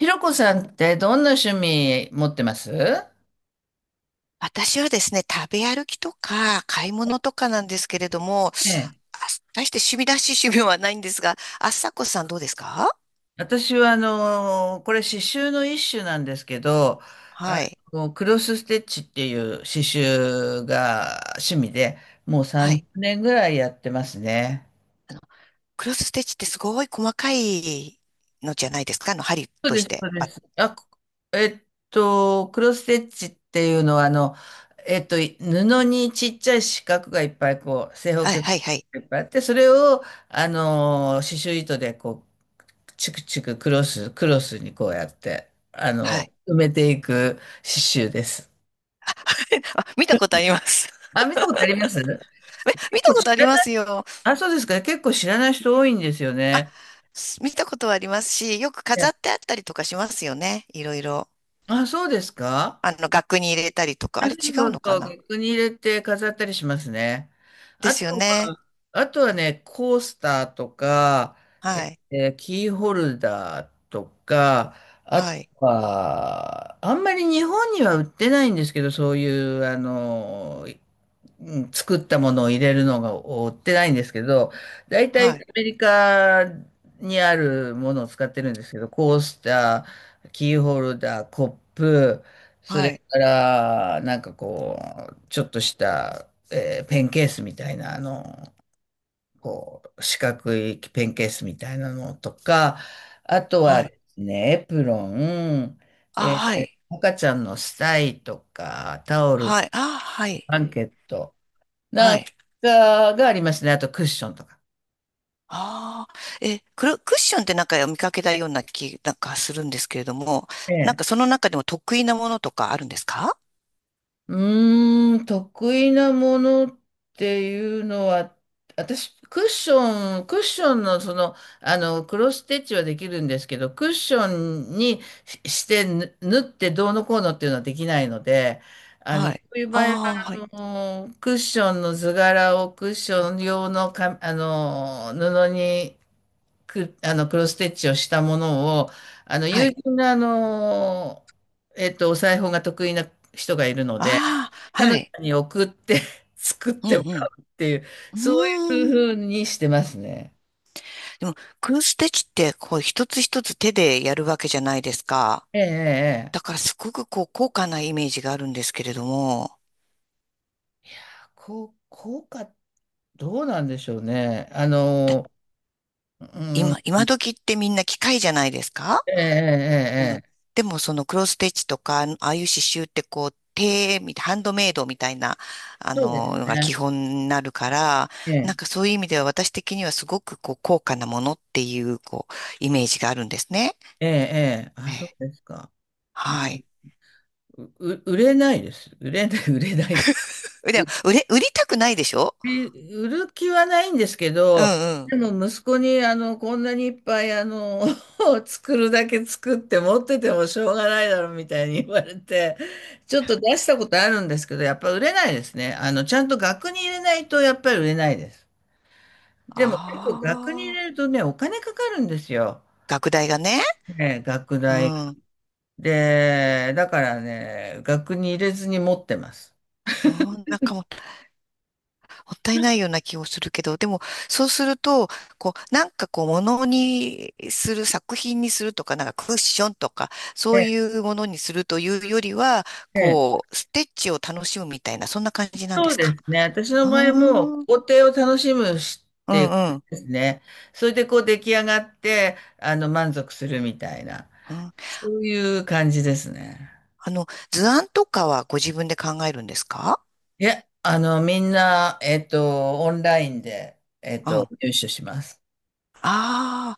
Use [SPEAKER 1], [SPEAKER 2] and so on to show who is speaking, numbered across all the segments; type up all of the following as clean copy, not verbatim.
[SPEAKER 1] ひろこさんってどんな趣味持ってます？
[SPEAKER 2] 私はですね、食べ歩きとか買い物とかなんですけれども、
[SPEAKER 1] ええ、
[SPEAKER 2] あ大して趣味らしい趣味はないんですが、あさこさんどうですか？
[SPEAKER 1] 私はこれ刺繍の一種なんですけど、あ
[SPEAKER 2] はい。
[SPEAKER 1] クロスステッチっていう刺繍が趣味で、もう
[SPEAKER 2] はい。
[SPEAKER 1] 30年ぐらいやってますね。
[SPEAKER 2] クロスステッチってすごい細かいのじゃないですか？あの、針
[SPEAKER 1] そう
[SPEAKER 2] と
[SPEAKER 1] で
[SPEAKER 2] し
[SPEAKER 1] す、
[SPEAKER 2] て。
[SPEAKER 1] そうです。あ、こえっと、クロスステッチっていうのは布にちっちゃい四角がいっぱい正方
[SPEAKER 2] はい、
[SPEAKER 1] 形が
[SPEAKER 2] はい、はい。
[SPEAKER 1] いっぱいあって、それを刺繍糸でチクチククロス、クロスにこうやって、
[SPEAKER 2] はい。
[SPEAKER 1] 埋めていく刺繍です。
[SPEAKER 2] あ、見たことあります。
[SPEAKER 1] あ、見たことあります。結
[SPEAKER 2] 見た
[SPEAKER 1] 構
[SPEAKER 2] こ
[SPEAKER 1] 知
[SPEAKER 2] とあり
[SPEAKER 1] ら
[SPEAKER 2] ま
[SPEAKER 1] ない。
[SPEAKER 2] すよ。
[SPEAKER 1] あ、そうですか。結構知らない人多いんですよ
[SPEAKER 2] あ、
[SPEAKER 1] ね。
[SPEAKER 2] 見たことはありますし、よく
[SPEAKER 1] え
[SPEAKER 2] 飾っ
[SPEAKER 1] え。
[SPEAKER 2] てあったりとかしますよね。いろいろ。
[SPEAKER 1] あ、そうですか。
[SPEAKER 2] あの、額に入れたりとか。
[SPEAKER 1] あ、
[SPEAKER 2] あれ
[SPEAKER 1] そ
[SPEAKER 2] 違
[SPEAKER 1] うそ
[SPEAKER 2] う
[SPEAKER 1] う
[SPEAKER 2] の
[SPEAKER 1] そ
[SPEAKER 2] か
[SPEAKER 1] う。
[SPEAKER 2] な？
[SPEAKER 1] 額に入れて飾ったりしますね。
[SPEAKER 2] で
[SPEAKER 1] あ
[SPEAKER 2] すよ
[SPEAKER 1] と
[SPEAKER 2] ね。
[SPEAKER 1] は、あとはね、コースターとか、
[SPEAKER 2] はい。
[SPEAKER 1] キーホルダーとか、あ
[SPEAKER 2] は
[SPEAKER 1] と
[SPEAKER 2] い。
[SPEAKER 1] は、あんまり日本には売ってないんですけど、そういう、うん、作ったものを入れるのが追ってないんですけど、大体ア
[SPEAKER 2] はい。
[SPEAKER 1] メリカにあるものを使ってるんですけど、コースター、キーホルダー、コップ、それ
[SPEAKER 2] はい。
[SPEAKER 1] から、なんかちょっとした、ペンケースみたいな、四角いペンケースみたいなのとか、あとは
[SPEAKER 2] はい。
[SPEAKER 1] ですね、エプロン、
[SPEAKER 2] あ、はい。
[SPEAKER 1] 赤ちゃんのスタイとか、タオル、ブ
[SPEAKER 2] はい。あ、はい。
[SPEAKER 1] ランケット、な
[SPEAKER 2] は
[SPEAKER 1] ん
[SPEAKER 2] い。
[SPEAKER 1] かがありますね。あとクッションとか。
[SPEAKER 2] ああ。え、クッションってなんか見かけたような気なんかするんですけれども、
[SPEAKER 1] え
[SPEAKER 2] なん
[SPEAKER 1] え。
[SPEAKER 2] かその中でも得意なものとかあるんですか？
[SPEAKER 1] 得意なものっていうのは、私、クッションのクロスステッチはできるんですけど、クッションにして縫ってどうのこうのっていうのはできないので、
[SPEAKER 2] は
[SPEAKER 1] そ
[SPEAKER 2] い。
[SPEAKER 1] ういう場合は、
[SPEAKER 2] ああ、はい。
[SPEAKER 1] あクッションの図柄をクッション用のか、布にく、あの、クロスステッチをしたものを、
[SPEAKER 2] は
[SPEAKER 1] 友
[SPEAKER 2] い。
[SPEAKER 1] 人のお裁縫が得意な人がいるので、
[SPEAKER 2] ああ、
[SPEAKER 1] 彼
[SPEAKER 2] は
[SPEAKER 1] 女
[SPEAKER 2] い。
[SPEAKER 1] に送って 作っ
[SPEAKER 2] う
[SPEAKER 1] て
[SPEAKER 2] ん
[SPEAKER 1] も
[SPEAKER 2] うん。
[SPEAKER 1] らうっていう、そうい
[SPEAKER 2] うーん。
[SPEAKER 1] う風にしてますね。
[SPEAKER 2] でも、クロスステッチって、こう、一つ一つ手でやるわけじゃないですか。
[SPEAKER 1] ええ、ええ。
[SPEAKER 2] だ
[SPEAKER 1] え
[SPEAKER 2] からすごくこう高価なイメージがあるんですけれども、
[SPEAKER 1] え、いやー、効果、どうなんでしょうね。
[SPEAKER 2] だ
[SPEAKER 1] うん、
[SPEAKER 2] 今時ってみんな機械じゃないですか？
[SPEAKER 1] ええ、え
[SPEAKER 2] う
[SPEAKER 1] え、
[SPEAKER 2] ん。
[SPEAKER 1] ええ。
[SPEAKER 2] でもそのクロスステッチとか、ああいう刺繍ってこう手みたい、ハンドメイドみたいな、あ
[SPEAKER 1] そうです
[SPEAKER 2] の、のが基
[SPEAKER 1] ね。
[SPEAKER 2] 本になるから、
[SPEAKER 1] え
[SPEAKER 2] なん
[SPEAKER 1] え、
[SPEAKER 2] かそういう意味では私的にはすごくこう高価なものっていう、こう、イメージがあるんですね。
[SPEAKER 1] ええ、ええ。あ、
[SPEAKER 2] え
[SPEAKER 1] そう
[SPEAKER 2] え、
[SPEAKER 1] ですか。う
[SPEAKER 2] は
[SPEAKER 1] ん、
[SPEAKER 2] い。
[SPEAKER 1] う、売れないです。売れない、売れない。
[SPEAKER 2] でも、売りたくないでしょ？
[SPEAKER 1] え売る気はないんですけ
[SPEAKER 2] う
[SPEAKER 1] ど、
[SPEAKER 2] んうん。
[SPEAKER 1] でも息子にこんなにいっぱい作るだけ作って持っててもしょうがないだろうみたいに言われて、ちょっと出したことあるんですけど、やっぱ売れないですね。ちゃんと額に入れないとやっぱり売れないです。でも結構
[SPEAKER 2] あ
[SPEAKER 1] 額に入れる
[SPEAKER 2] あ。
[SPEAKER 1] とね、お金かかるんですよ。
[SPEAKER 2] 学大がね。
[SPEAKER 1] ね、額
[SPEAKER 2] う
[SPEAKER 1] 代。
[SPEAKER 2] ん。
[SPEAKER 1] で、だからね、額に入れずに持ってます。
[SPEAKER 2] あん、なんかもうもったいないような気をするけど、でも、そうすると、こう、なんかこう、物にする、作品にするとか、なんかクッションとか、そ
[SPEAKER 1] え
[SPEAKER 2] う
[SPEAKER 1] え、
[SPEAKER 2] いうものにするというよりは、
[SPEAKER 1] ねえ、
[SPEAKER 2] こう、ステッチを楽しむみたいな、そんな感じなんで
[SPEAKER 1] そう
[SPEAKER 2] す
[SPEAKER 1] で
[SPEAKER 2] か？
[SPEAKER 1] すね。私
[SPEAKER 2] う
[SPEAKER 1] の
[SPEAKER 2] ー
[SPEAKER 1] 場合も
[SPEAKER 2] ん、うん
[SPEAKER 1] 工程を楽しむしっ
[SPEAKER 2] う
[SPEAKER 1] ていう感
[SPEAKER 2] ん、
[SPEAKER 1] じですね。それで出来上がって、満足するみたいな、
[SPEAKER 2] うん。
[SPEAKER 1] そういう感じですね。
[SPEAKER 2] あの、図案とかはご自分で考えるんですか？
[SPEAKER 1] いや、みんな、オンラインで、
[SPEAKER 2] うん。あ、
[SPEAKER 1] 入手します。
[SPEAKER 2] あ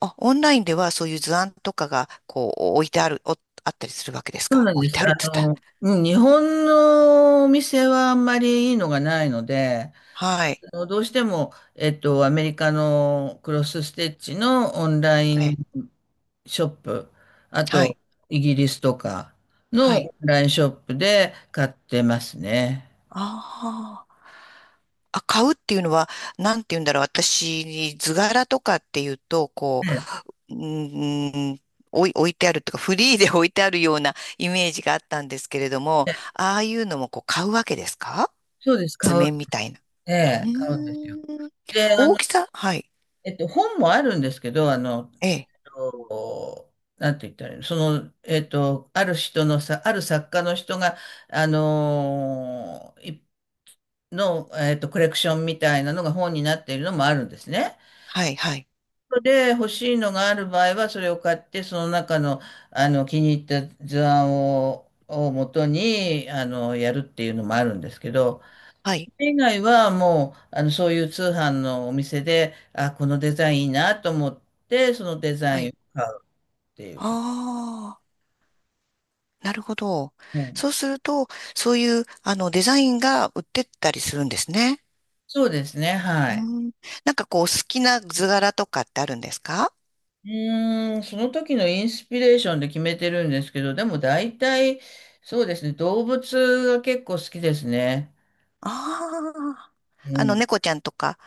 [SPEAKER 2] あ、オンラインではそういう図案とかが、こう、置いてある、あったりするわけです
[SPEAKER 1] そう
[SPEAKER 2] か？
[SPEAKER 1] なん
[SPEAKER 2] 置
[SPEAKER 1] で
[SPEAKER 2] い
[SPEAKER 1] す。
[SPEAKER 2] てあるって言ったら。
[SPEAKER 1] うん、日本のお店はあんまりいいのがないので、
[SPEAKER 2] はい。
[SPEAKER 1] どうしても、アメリカのクロスステッチのオンライン
[SPEAKER 2] え、
[SPEAKER 1] ショップ、あ
[SPEAKER 2] はい。
[SPEAKER 1] と、イギリスとか
[SPEAKER 2] は
[SPEAKER 1] の
[SPEAKER 2] い。
[SPEAKER 1] オンラインショップで買ってますね。
[SPEAKER 2] ああ。あ、買うっていうのは、なんて言うんだろう。私、図柄とかっていうと、こう、うーん、置いてあるとか、フリーで置いてあるようなイメージがあったんですけれども、ああいうのもこう買うわけですか？
[SPEAKER 1] そうです、
[SPEAKER 2] 図
[SPEAKER 1] 買う、
[SPEAKER 2] 面みたいな。
[SPEAKER 1] え
[SPEAKER 2] う
[SPEAKER 1] え、買うんですよ。
[SPEAKER 2] ーん。
[SPEAKER 1] で、
[SPEAKER 2] 大きさはい。
[SPEAKER 1] 本もあるんですけど、
[SPEAKER 2] ええ。
[SPEAKER 1] なんて言ったらいいの、ある人のさ、ある作家の人が、あのーいの、えっと、コレクションみたいなのが本になっているのもあるんですね。
[SPEAKER 2] はい、はい。
[SPEAKER 1] で欲しいのがある場合はそれを買ってその中の、気に入った図案を、元にやるっていうのもあるんですけど、
[SPEAKER 2] は
[SPEAKER 1] そ
[SPEAKER 2] い、
[SPEAKER 1] れ以外はもうそういう通販のお店でこのデザインいいなと思ってそのデザ
[SPEAKER 2] は
[SPEAKER 1] インを
[SPEAKER 2] い。
[SPEAKER 1] 買うっていうか、
[SPEAKER 2] ああ、なるほど。
[SPEAKER 1] ね。
[SPEAKER 2] そうすると、そういう、あの、デザインが売ってったりするんですね。
[SPEAKER 1] そうですね、はい。
[SPEAKER 2] うん。なんかこう、好きな図柄とかってあるんですか？
[SPEAKER 1] うその時のインスピレーションで決めてるんですけど、でも大体、そうですね、動物が結構好きですね。
[SPEAKER 2] ああー、あ
[SPEAKER 1] う
[SPEAKER 2] の、
[SPEAKER 1] ん、
[SPEAKER 2] 猫ちゃんとか、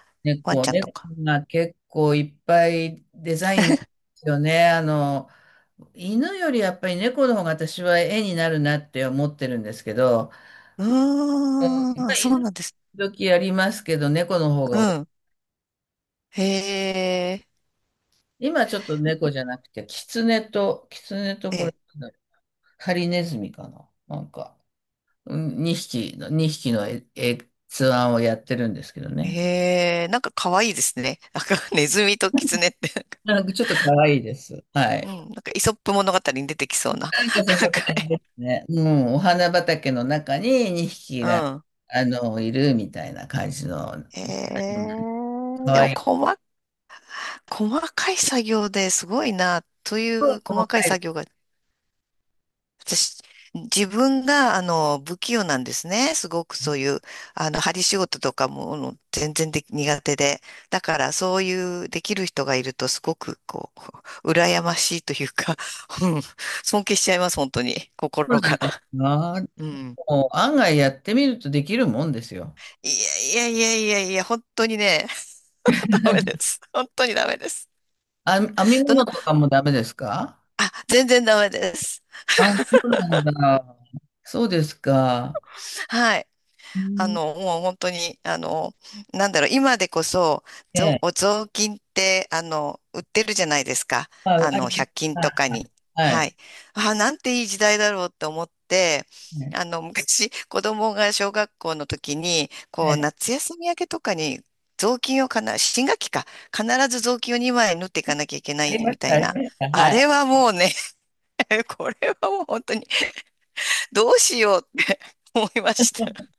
[SPEAKER 2] ワンちゃんと
[SPEAKER 1] 猫
[SPEAKER 2] か。
[SPEAKER 1] が結構いっぱいデザインなんですよね。犬よりやっぱり猫の方が私は絵になるなって思ってるんですけど、
[SPEAKER 2] う
[SPEAKER 1] うん、
[SPEAKER 2] ー
[SPEAKER 1] まあ、
[SPEAKER 2] ん、そう
[SPEAKER 1] 犬
[SPEAKER 2] なんです。
[SPEAKER 1] 時々やりますけど、猫の方
[SPEAKER 2] う
[SPEAKER 1] が多い。
[SPEAKER 2] ん。へえ、
[SPEAKER 1] 今ちょっと猫じゃなくて、キツネと
[SPEAKER 2] え
[SPEAKER 1] これ、
[SPEAKER 2] え、
[SPEAKER 1] なんだろう、ハリネズミかな、なんか、2匹の図案をやってるんですけどね。
[SPEAKER 2] へえ、なんか可愛いですね。なんか、ネズミとキツネって。
[SPEAKER 1] なんかちょっと可愛いです。は
[SPEAKER 2] う
[SPEAKER 1] い。
[SPEAKER 2] ん、なんか、イソップ物語に出てきそうな。
[SPEAKER 1] なんかそん
[SPEAKER 2] な
[SPEAKER 1] な
[SPEAKER 2] んか
[SPEAKER 1] 感じ
[SPEAKER 2] ね、
[SPEAKER 1] ですね。うん、お花畑の中に2匹
[SPEAKER 2] う
[SPEAKER 1] が、
[SPEAKER 2] ん。
[SPEAKER 1] いるみたいな感じの、うん、
[SPEAKER 2] へえ、
[SPEAKER 1] か
[SPEAKER 2] で
[SPEAKER 1] わ
[SPEAKER 2] も、
[SPEAKER 1] いい。
[SPEAKER 2] 細かい作業ですごいな、とい
[SPEAKER 1] 細
[SPEAKER 2] う細か
[SPEAKER 1] か
[SPEAKER 2] い
[SPEAKER 1] い。
[SPEAKER 2] 作業が私、自分が、あの、不器用なんですね。すごくそういう、あの、針仕事とかも、あの全然でき苦手で。だから、そういう、できる人がいると、すごく、こう、羨ましいというか、うん、尊敬しちゃいます、本当に。
[SPEAKER 1] そう
[SPEAKER 2] 心から。
[SPEAKER 1] なんだ。
[SPEAKER 2] うん。
[SPEAKER 1] もう案外やってみるとできるもんですよ。
[SPEAKER 2] いやいやいやいやいや、本当にね、ダメです。本当にダメです。
[SPEAKER 1] あ、編み
[SPEAKER 2] ど
[SPEAKER 1] 物
[SPEAKER 2] の、
[SPEAKER 1] とかもダメですか？
[SPEAKER 2] あ、全然ダメです。
[SPEAKER 1] あ、そうなんだ。そうですか。
[SPEAKER 2] はい。
[SPEAKER 1] う
[SPEAKER 2] あ
[SPEAKER 1] ん。
[SPEAKER 2] の、もう本当に、あの、なんだろう、今でこそ、
[SPEAKER 1] ええ。
[SPEAKER 2] お雑巾って、あの、売ってるじゃないですか。
[SPEAKER 1] まあ、
[SPEAKER 2] あ
[SPEAKER 1] あ
[SPEAKER 2] の、
[SPEAKER 1] りま
[SPEAKER 2] 1
[SPEAKER 1] し
[SPEAKER 2] 均
[SPEAKER 1] た。
[SPEAKER 2] とか
[SPEAKER 1] は
[SPEAKER 2] に。
[SPEAKER 1] い。
[SPEAKER 2] は
[SPEAKER 1] は
[SPEAKER 2] い。
[SPEAKER 1] い。
[SPEAKER 2] あ、なんていい時代だろうって思って、
[SPEAKER 1] え
[SPEAKER 2] あ
[SPEAKER 1] え
[SPEAKER 2] の、昔、子供が小学校の時に、こ
[SPEAKER 1] え
[SPEAKER 2] う、
[SPEAKER 1] え。
[SPEAKER 2] 夏休み明けとかに、雑巾をかな、新学期か、必ず雑巾を2枚縫っていかなきゃいけな
[SPEAKER 1] あり
[SPEAKER 2] い
[SPEAKER 1] ま
[SPEAKER 2] み
[SPEAKER 1] し
[SPEAKER 2] た
[SPEAKER 1] た、
[SPEAKER 2] い
[SPEAKER 1] あり
[SPEAKER 2] な。
[SPEAKER 1] ました。
[SPEAKER 2] あ
[SPEAKER 1] は
[SPEAKER 2] れ
[SPEAKER 1] い。
[SPEAKER 2] はもうね。 これはもう本当に、どうしようって思いました。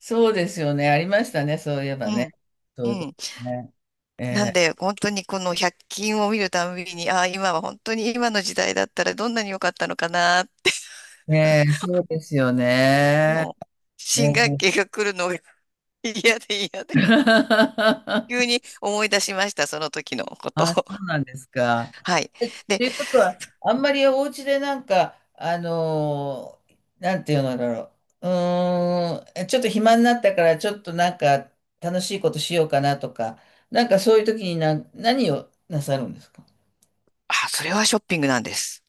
[SPEAKER 1] そうですよね。ありましたね。そういえば
[SPEAKER 2] う
[SPEAKER 1] ね。
[SPEAKER 2] ん、
[SPEAKER 1] そういうこ
[SPEAKER 2] う
[SPEAKER 1] と
[SPEAKER 2] ん。
[SPEAKER 1] ね。え
[SPEAKER 2] なん
[SPEAKER 1] え
[SPEAKER 2] で、本当にこの100均を見るたんびに、ああ、今は本当に今の時代だったらどんなに良かったのかな、
[SPEAKER 1] ええ、そうですよね。
[SPEAKER 2] もう、
[SPEAKER 1] え
[SPEAKER 2] 新学
[SPEAKER 1] え。
[SPEAKER 2] 期が来るのが 嫌で嫌で、急に思い出しました、その時のこと
[SPEAKER 1] あ、そ
[SPEAKER 2] を。
[SPEAKER 1] うなんですか。
[SPEAKER 2] はい。
[SPEAKER 1] っ
[SPEAKER 2] で、
[SPEAKER 1] ていうことは、あんまりお家でなんか、なんていうのだろう。ちょっと暇になったから、ちょっとなんか楽しいことしようかなとか、なんかそういう時に何をなさるんですか？
[SPEAKER 2] それはショッピングなんです。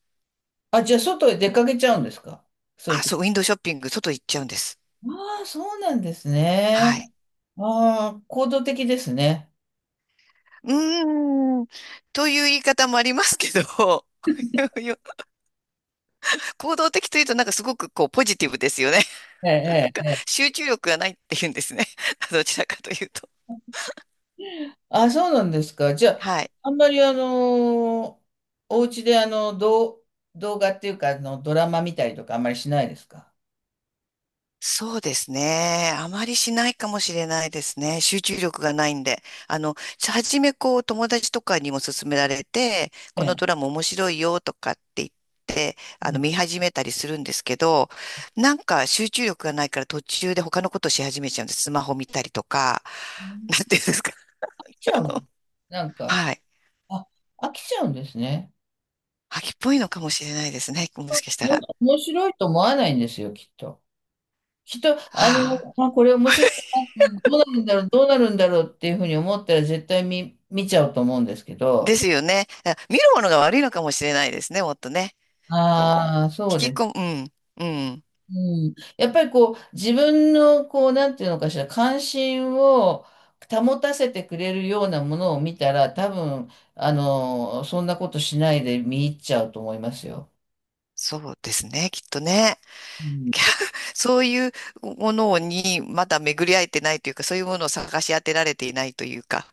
[SPEAKER 1] あ、じゃあ外へ出かけちゃうんですか？そういう
[SPEAKER 2] あ、
[SPEAKER 1] 時。
[SPEAKER 2] そう、ウィンドウショッピング、外行っちゃうんです。
[SPEAKER 1] ああ、そうなんですね。
[SPEAKER 2] はい。
[SPEAKER 1] ああ、行動的ですね。
[SPEAKER 2] うーん、という言い方もありますけど、行動的というとなんかすごくこうポジティブですよね。
[SPEAKER 1] え
[SPEAKER 2] なん
[SPEAKER 1] え、
[SPEAKER 2] か
[SPEAKER 1] ええ。
[SPEAKER 2] 集中力がないっていうんですね。どちらかというと。
[SPEAKER 1] あ、そうなんですか。じゃあ、
[SPEAKER 2] はい。
[SPEAKER 1] あんまりお家で動画っていうか、ドラマ見たりとかあんまりしないですか？
[SPEAKER 2] そうですね。あまりしないかもしれないですね。集中力がないんで。あの、初めこう友達とかにも勧められて、
[SPEAKER 1] え
[SPEAKER 2] このド
[SPEAKER 1] え。
[SPEAKER 2] ラマ面白いよとかって言って、
[SPEAKER 1] う
[SPEAKER 2] あの、
[SPEAKER 1] ん、
[SPEAKER 2] 見始めたりするんですけど、なんか集中力がないから途中で他のことし始めちゃうんです。スマホ見たりとか、なん
[SPEAKER 1] 飽
[SPEAKER 2] ていうんですか。
[SPEAKER 1] きちゃう。なんか、
[SPEAKER 2] はい。
[SPEAKER 1] あ、飽きちゃうんですね。
[SPEAKER 2] 飽きっぽいのかもしれないですね。もしかしたら。
[SPEAKER 1] 面白いと思わないんですよ、きっと。きっと、
[SPEAKER 2] はあ。
[SPEAKER 1] あ、これ面白いな、どうなるんだろう、どうなるんだろうっていうふうに思ったら絶対見ちゃうと思うんですけ
[SPEAKER 2] で
[SPEAKER 1] ど、
[SPEAKER 2] すよね。見るものが悪いのかもしれないですね。もっとね。こう、
[SPEAKER 1] ああ、そうで
[SPEAKER 2] 引
[SPEAKER 1] す
[SPEAKER 2] き
[SPEAKER 1] ね。
[SPEAKER 2] 込む。うん。うん。
[SPEAKER 1] うん、やっぱり自分のなんていうのかしら関心を保たせてくれるようなものを見たら多分そんなことしないで見入っちゃうと思いますよ。
[SPEAKER 2] そうですね、きっとね。
[SPEAKER 1] う ん、
[SPEAKER 2] きゃそういうものにまだ巡り合えてないというか、そういうものを探し当てられていないというか、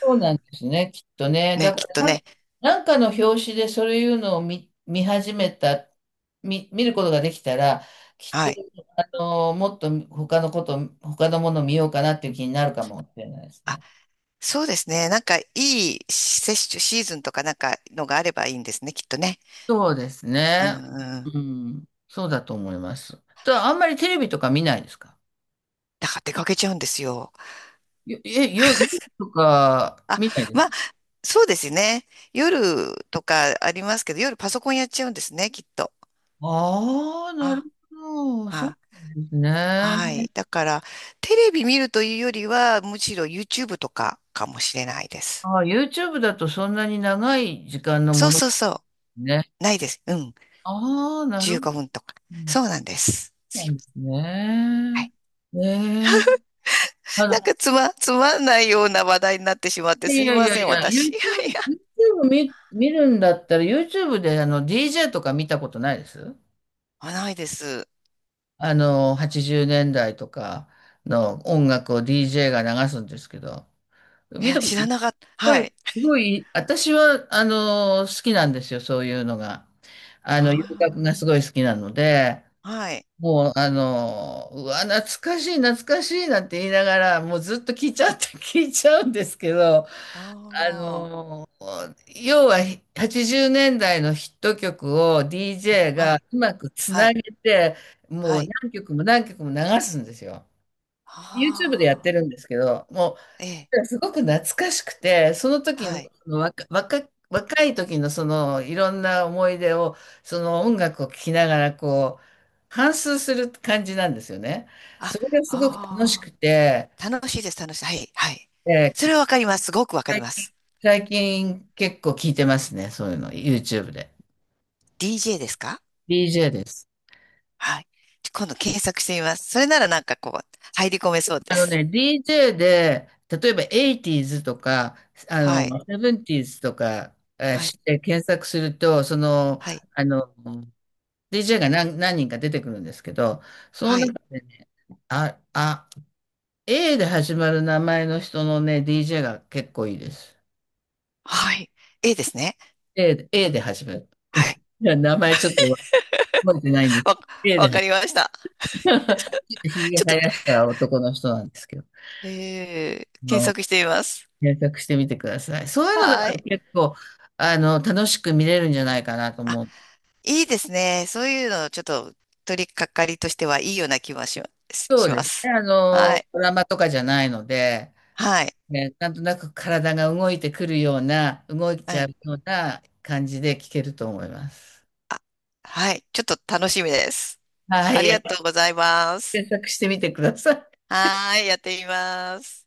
[SPEAKER 1] そうなんですね、きっとね。
[SPEAKER 2] ね、
[SPEAKER 1] だか
[SPEAKER 2] きっ
[SPEAKER 1] ら
[SPEAKER 2] と
[SPEAKER 1] なんか、
[SPEAKER 2] ね。
[SPEAKER 1] なんかの表紙でそういうのを見、見始めた見、見ることができたら、きっ
[SPEAKER 2] は
[SPEAKER 1] と
[SPEAKER 2] い。
[SPEAKER 1] もっと他のものを見ようかなっていう気になるかもしれないです
[SPEAKER 2] あ、
[SPEAKER 1] ね。
[SPEAKER 2] そうですね。なんかいい接種シーズンとかなんかのがあればいいんですね、きっとね。
[SPEAKER 1] そうです
[SPEAKER 2] うん
[SPEAKER 1] ね。
[SPEAKER 2] うん。
[SPEAKER 1] うん。そうだと思います。あんまりテレビとか見ないですか？
[SPEAKER 2] だから出かけちゃうんですよ。
[SPEAKER 1] よえ、よ、夜とか
[SPEAKER 2] あ、
[SPEAKER 1] 見ないです
[SPEAKER 2] ま
[SPEAKER 1] か？
[SPEAKER 2] あ、そうですね。夜とかありますけど、夜パソコンやっちゃうんですね、きっと。
[SPEAKER 1] ああー、なる
[SPEAKER 2] あ、
[SPEAKER 1] ほど。そうで
[SPEAKER 2] はい、
[SPEAKER 1] すね。
[SPEAKER 2] はい。だから、テレビ見るというよりは、むしろ YouTube とかかもしれないです。
[SPEAKER 1] ああ、YouTube だとそんなに長い時間の
[SPEAKER 2] そ
[SPEAKER 1] も
[SPEAKER 2] う
[SPEAKER 1] ので
[SPEAKER 2] そうそ
[SPEAKER 1] すね。
[SPEAKER 2] う。ないです。うん。
[SPEAKER 1] ああ、なる
[SPEAKER 2] 15
[SPEAKER 1] ほど。
[SPEAKER 2] 分とか。
[SPEAKER 1] う
[SPEAKER 2] そ
[SPEAKER 1] ん、
[SPEAKER 2] うなんです。
[SPEAKER 1] そ
[SPEAKER 2] す
[SPEAKER 1] う
[SPEAKER 2] い
[SPEAKER 1] なん
[SPEAKER 2] ま
[SPEAKER 1] です
[SPEAKER 2] せん。は
[SPEAKER 1] ね。
[SPEAKER 2] い。
[SPEAKER 1] ねえ。あ
[SPEAKER 2] なん
[SPEAKER 1] の、
[SPEAKER 2] かつまんないような話題になってしまって
[SPEAKER 1] い
[SPEAKER 2] すい
[SPEAKER 1] やい
[SPEAKER 2] ま
[SPEAKER 1] や
[SPEAKER 2] せ
[SPEAKER 1] い
[SPEAKER 2] ん、
[SPEAKER 1] や、
[SPEAKER 2] 私。い やいや。
[SPEAKER 1] YouTube 見るんだったら YouTube でDJ とか見たことないです
[SPEAKER 2] まあ、ないです。
[SPEAKER 1] 80年代とかの音楽を DJ が流すんですけど、
[SPEAKER 2] い
[SPEAKER 1] 見
[SPEAKER 2] や、
[SPEAKER 1] たこ
[SPEAKER 2] 知
[SPEAKER 1] と、
[SPEAKER 2] ら
[SPEAKER 1] す
[SPEAKER 2] なかった。
[SPEAKER 1] ご
[SPEAKER 2] はい。
[SPEAKER 1] い、すごい、私は、好きなんですよ、そういうのが。
[SPEAKER 2] あ
[SPEAKER 1] 洋楽がすごい好きなので、
[SPEAKER 2] あ。はい。
[SPEAKER 1] もう、うわ、懐かしい、懐かしいなんて言いながら、もうずっと聞いちゃって、聞いちゃうんですけど、あ
[SPEAKER 2] あ
[SPEAKER 1] のー要は80年代のヒット曲を DJ
[SPEAKER 2] あ。は
[SPEAKER 1] が
[SPEAKER 2] い。
[SPEAKER 1] うまくつ
[SPEAKER 2] は
[SPEAKER 1] な
[SPEAKER 2] い。
[SPEAKER 1] げて、も
[SPEAKER 2] は
[SPEAKER 1] う
[SPEAKER 2] い。
[SPEAKER 1] 何曲も何曲も流すんですよ。YouTube でやって
[SPEAKER 2] あ
[SPEAKER 1] るんですけど、も
[SPEAKER 2] あ。ええ。
[SPEAKER 1] うすごく懐かしくて、その時の、
[SPEAKER 2] はい。
[SPEAKER 1] その若い時のそのいろんな思い出を、その音楽を聴きながら反芻する感じなんですよね。
[SPEAKER 2] あ、
[SPEAKER 1] それがすごく楽し
[SPEAKER 2] あ
[SPEAKER 1] くて、
[SPEAKER 2] あ。楽しいです、楽しい。はい、はい。
[SPEAKER 1] え
[SPEAKER 2] そ
[SPEAKER 1] ー
[SPEAKER 2] れはわ
[SPEAKER 1] 聞
[SPEAKER 2] かります。すごくわかり
[SPEAKER 1] 最
[SPEAKER 2] ま
[SPEAKER 1] 近、
[SPEAKER 2] す。
[SPEAKER 1] 最近結構聞いてますね。そういうの。YouTube で。
[SPEAKER 2] DJ ですか？
[SPEAKER 1] DJ です。
[SPEAKER 2] はい。今度検索してみます。それならなんかこう、入り込めそうです。
[SPEAKER 1] DJ で、例えば 80s とか、あ
[SPEAKER 2] はい。
[SPEAKER 1] の、70s とか、
[SPEAKER 2] は
[SPEAKER 1] し
[SPEAKER 2] い。
[SPEAKER 1] て検索すると、
[SPEAKER 2] はい。
[SPEAKER 1] あの、DJ が何人か出てくるんですけど、その
[SPEAKER 2] はい。
[SPEAKER 1] 中でね、あ、あ、A で始まる名前の人のね、DJ が結構いいです。
[SPEAKER 2] はい。A ですね。
[SPEAKER 1] A で、A で始まる。
[SPEAKER 2] はい。
[SPEAKER 1] いや、名前ちょっと覚えてないんです。
[SPEAKER 2] わ、
[SPEAKER 1] A
[SPEAKER 2] わか
[SPEAKER 1] で
[SPEAKER 2] りました。
[SPEAKER 1] ちょっとひげ
[SPEAKER 2] ちょっ
[SPEAKER 1] 生
[SPEAKER 2] と、
[SPEAKER 1] やした男の人なんですけど、あ
[SPEAKER 2] 検
[SPEAKER 1] の、
[SPEAKER 2] 索してみます。
[SPEAKER 1] 検索してみてください。そういうの
[SPEAKER 2] は
[SPEAKER 1] だと
[SPEAKER 2] い。
[SPEAKER 1] 結構、楽しく見れるんじゃないかなと
[SPEAKER 2] あ、
[SPEAKER 1] 思う。
[SPEAKER 2] いいですね。そういうの、ちょっと、取り掛かりとしてはいいような気はします。
[SPEAKER 1] そ
[SPEAKER 2] し
[SPEAKER 1] うで
[SPEAKER 2] ま
[SPEAKER 1] すね。
[SPEAKER 2] す。はい。
[SPEAKER 1] ドラマとかじゃないので、
[SPEAKER 2] はい。
[SPEAKER 1] ね、なんとなく体が動いてくるような、動い
[SPEAKER 2] う
[SPEAKER 1] ちゃ
[SPEAKER 2] ん。
[SPEAKER 1] うような感じで聞けると思います。
[SPEAKER 2] はい。ちょっと楽しみです。
[SPEAKER 1] は
[SPEAKER 2] ありが
[SPEAKER 1] い、
[SPEAKER 2] とうございます。
[SPEAKER 1] 検索してみてください。
[SPEAKER 2] はーい、やってみます。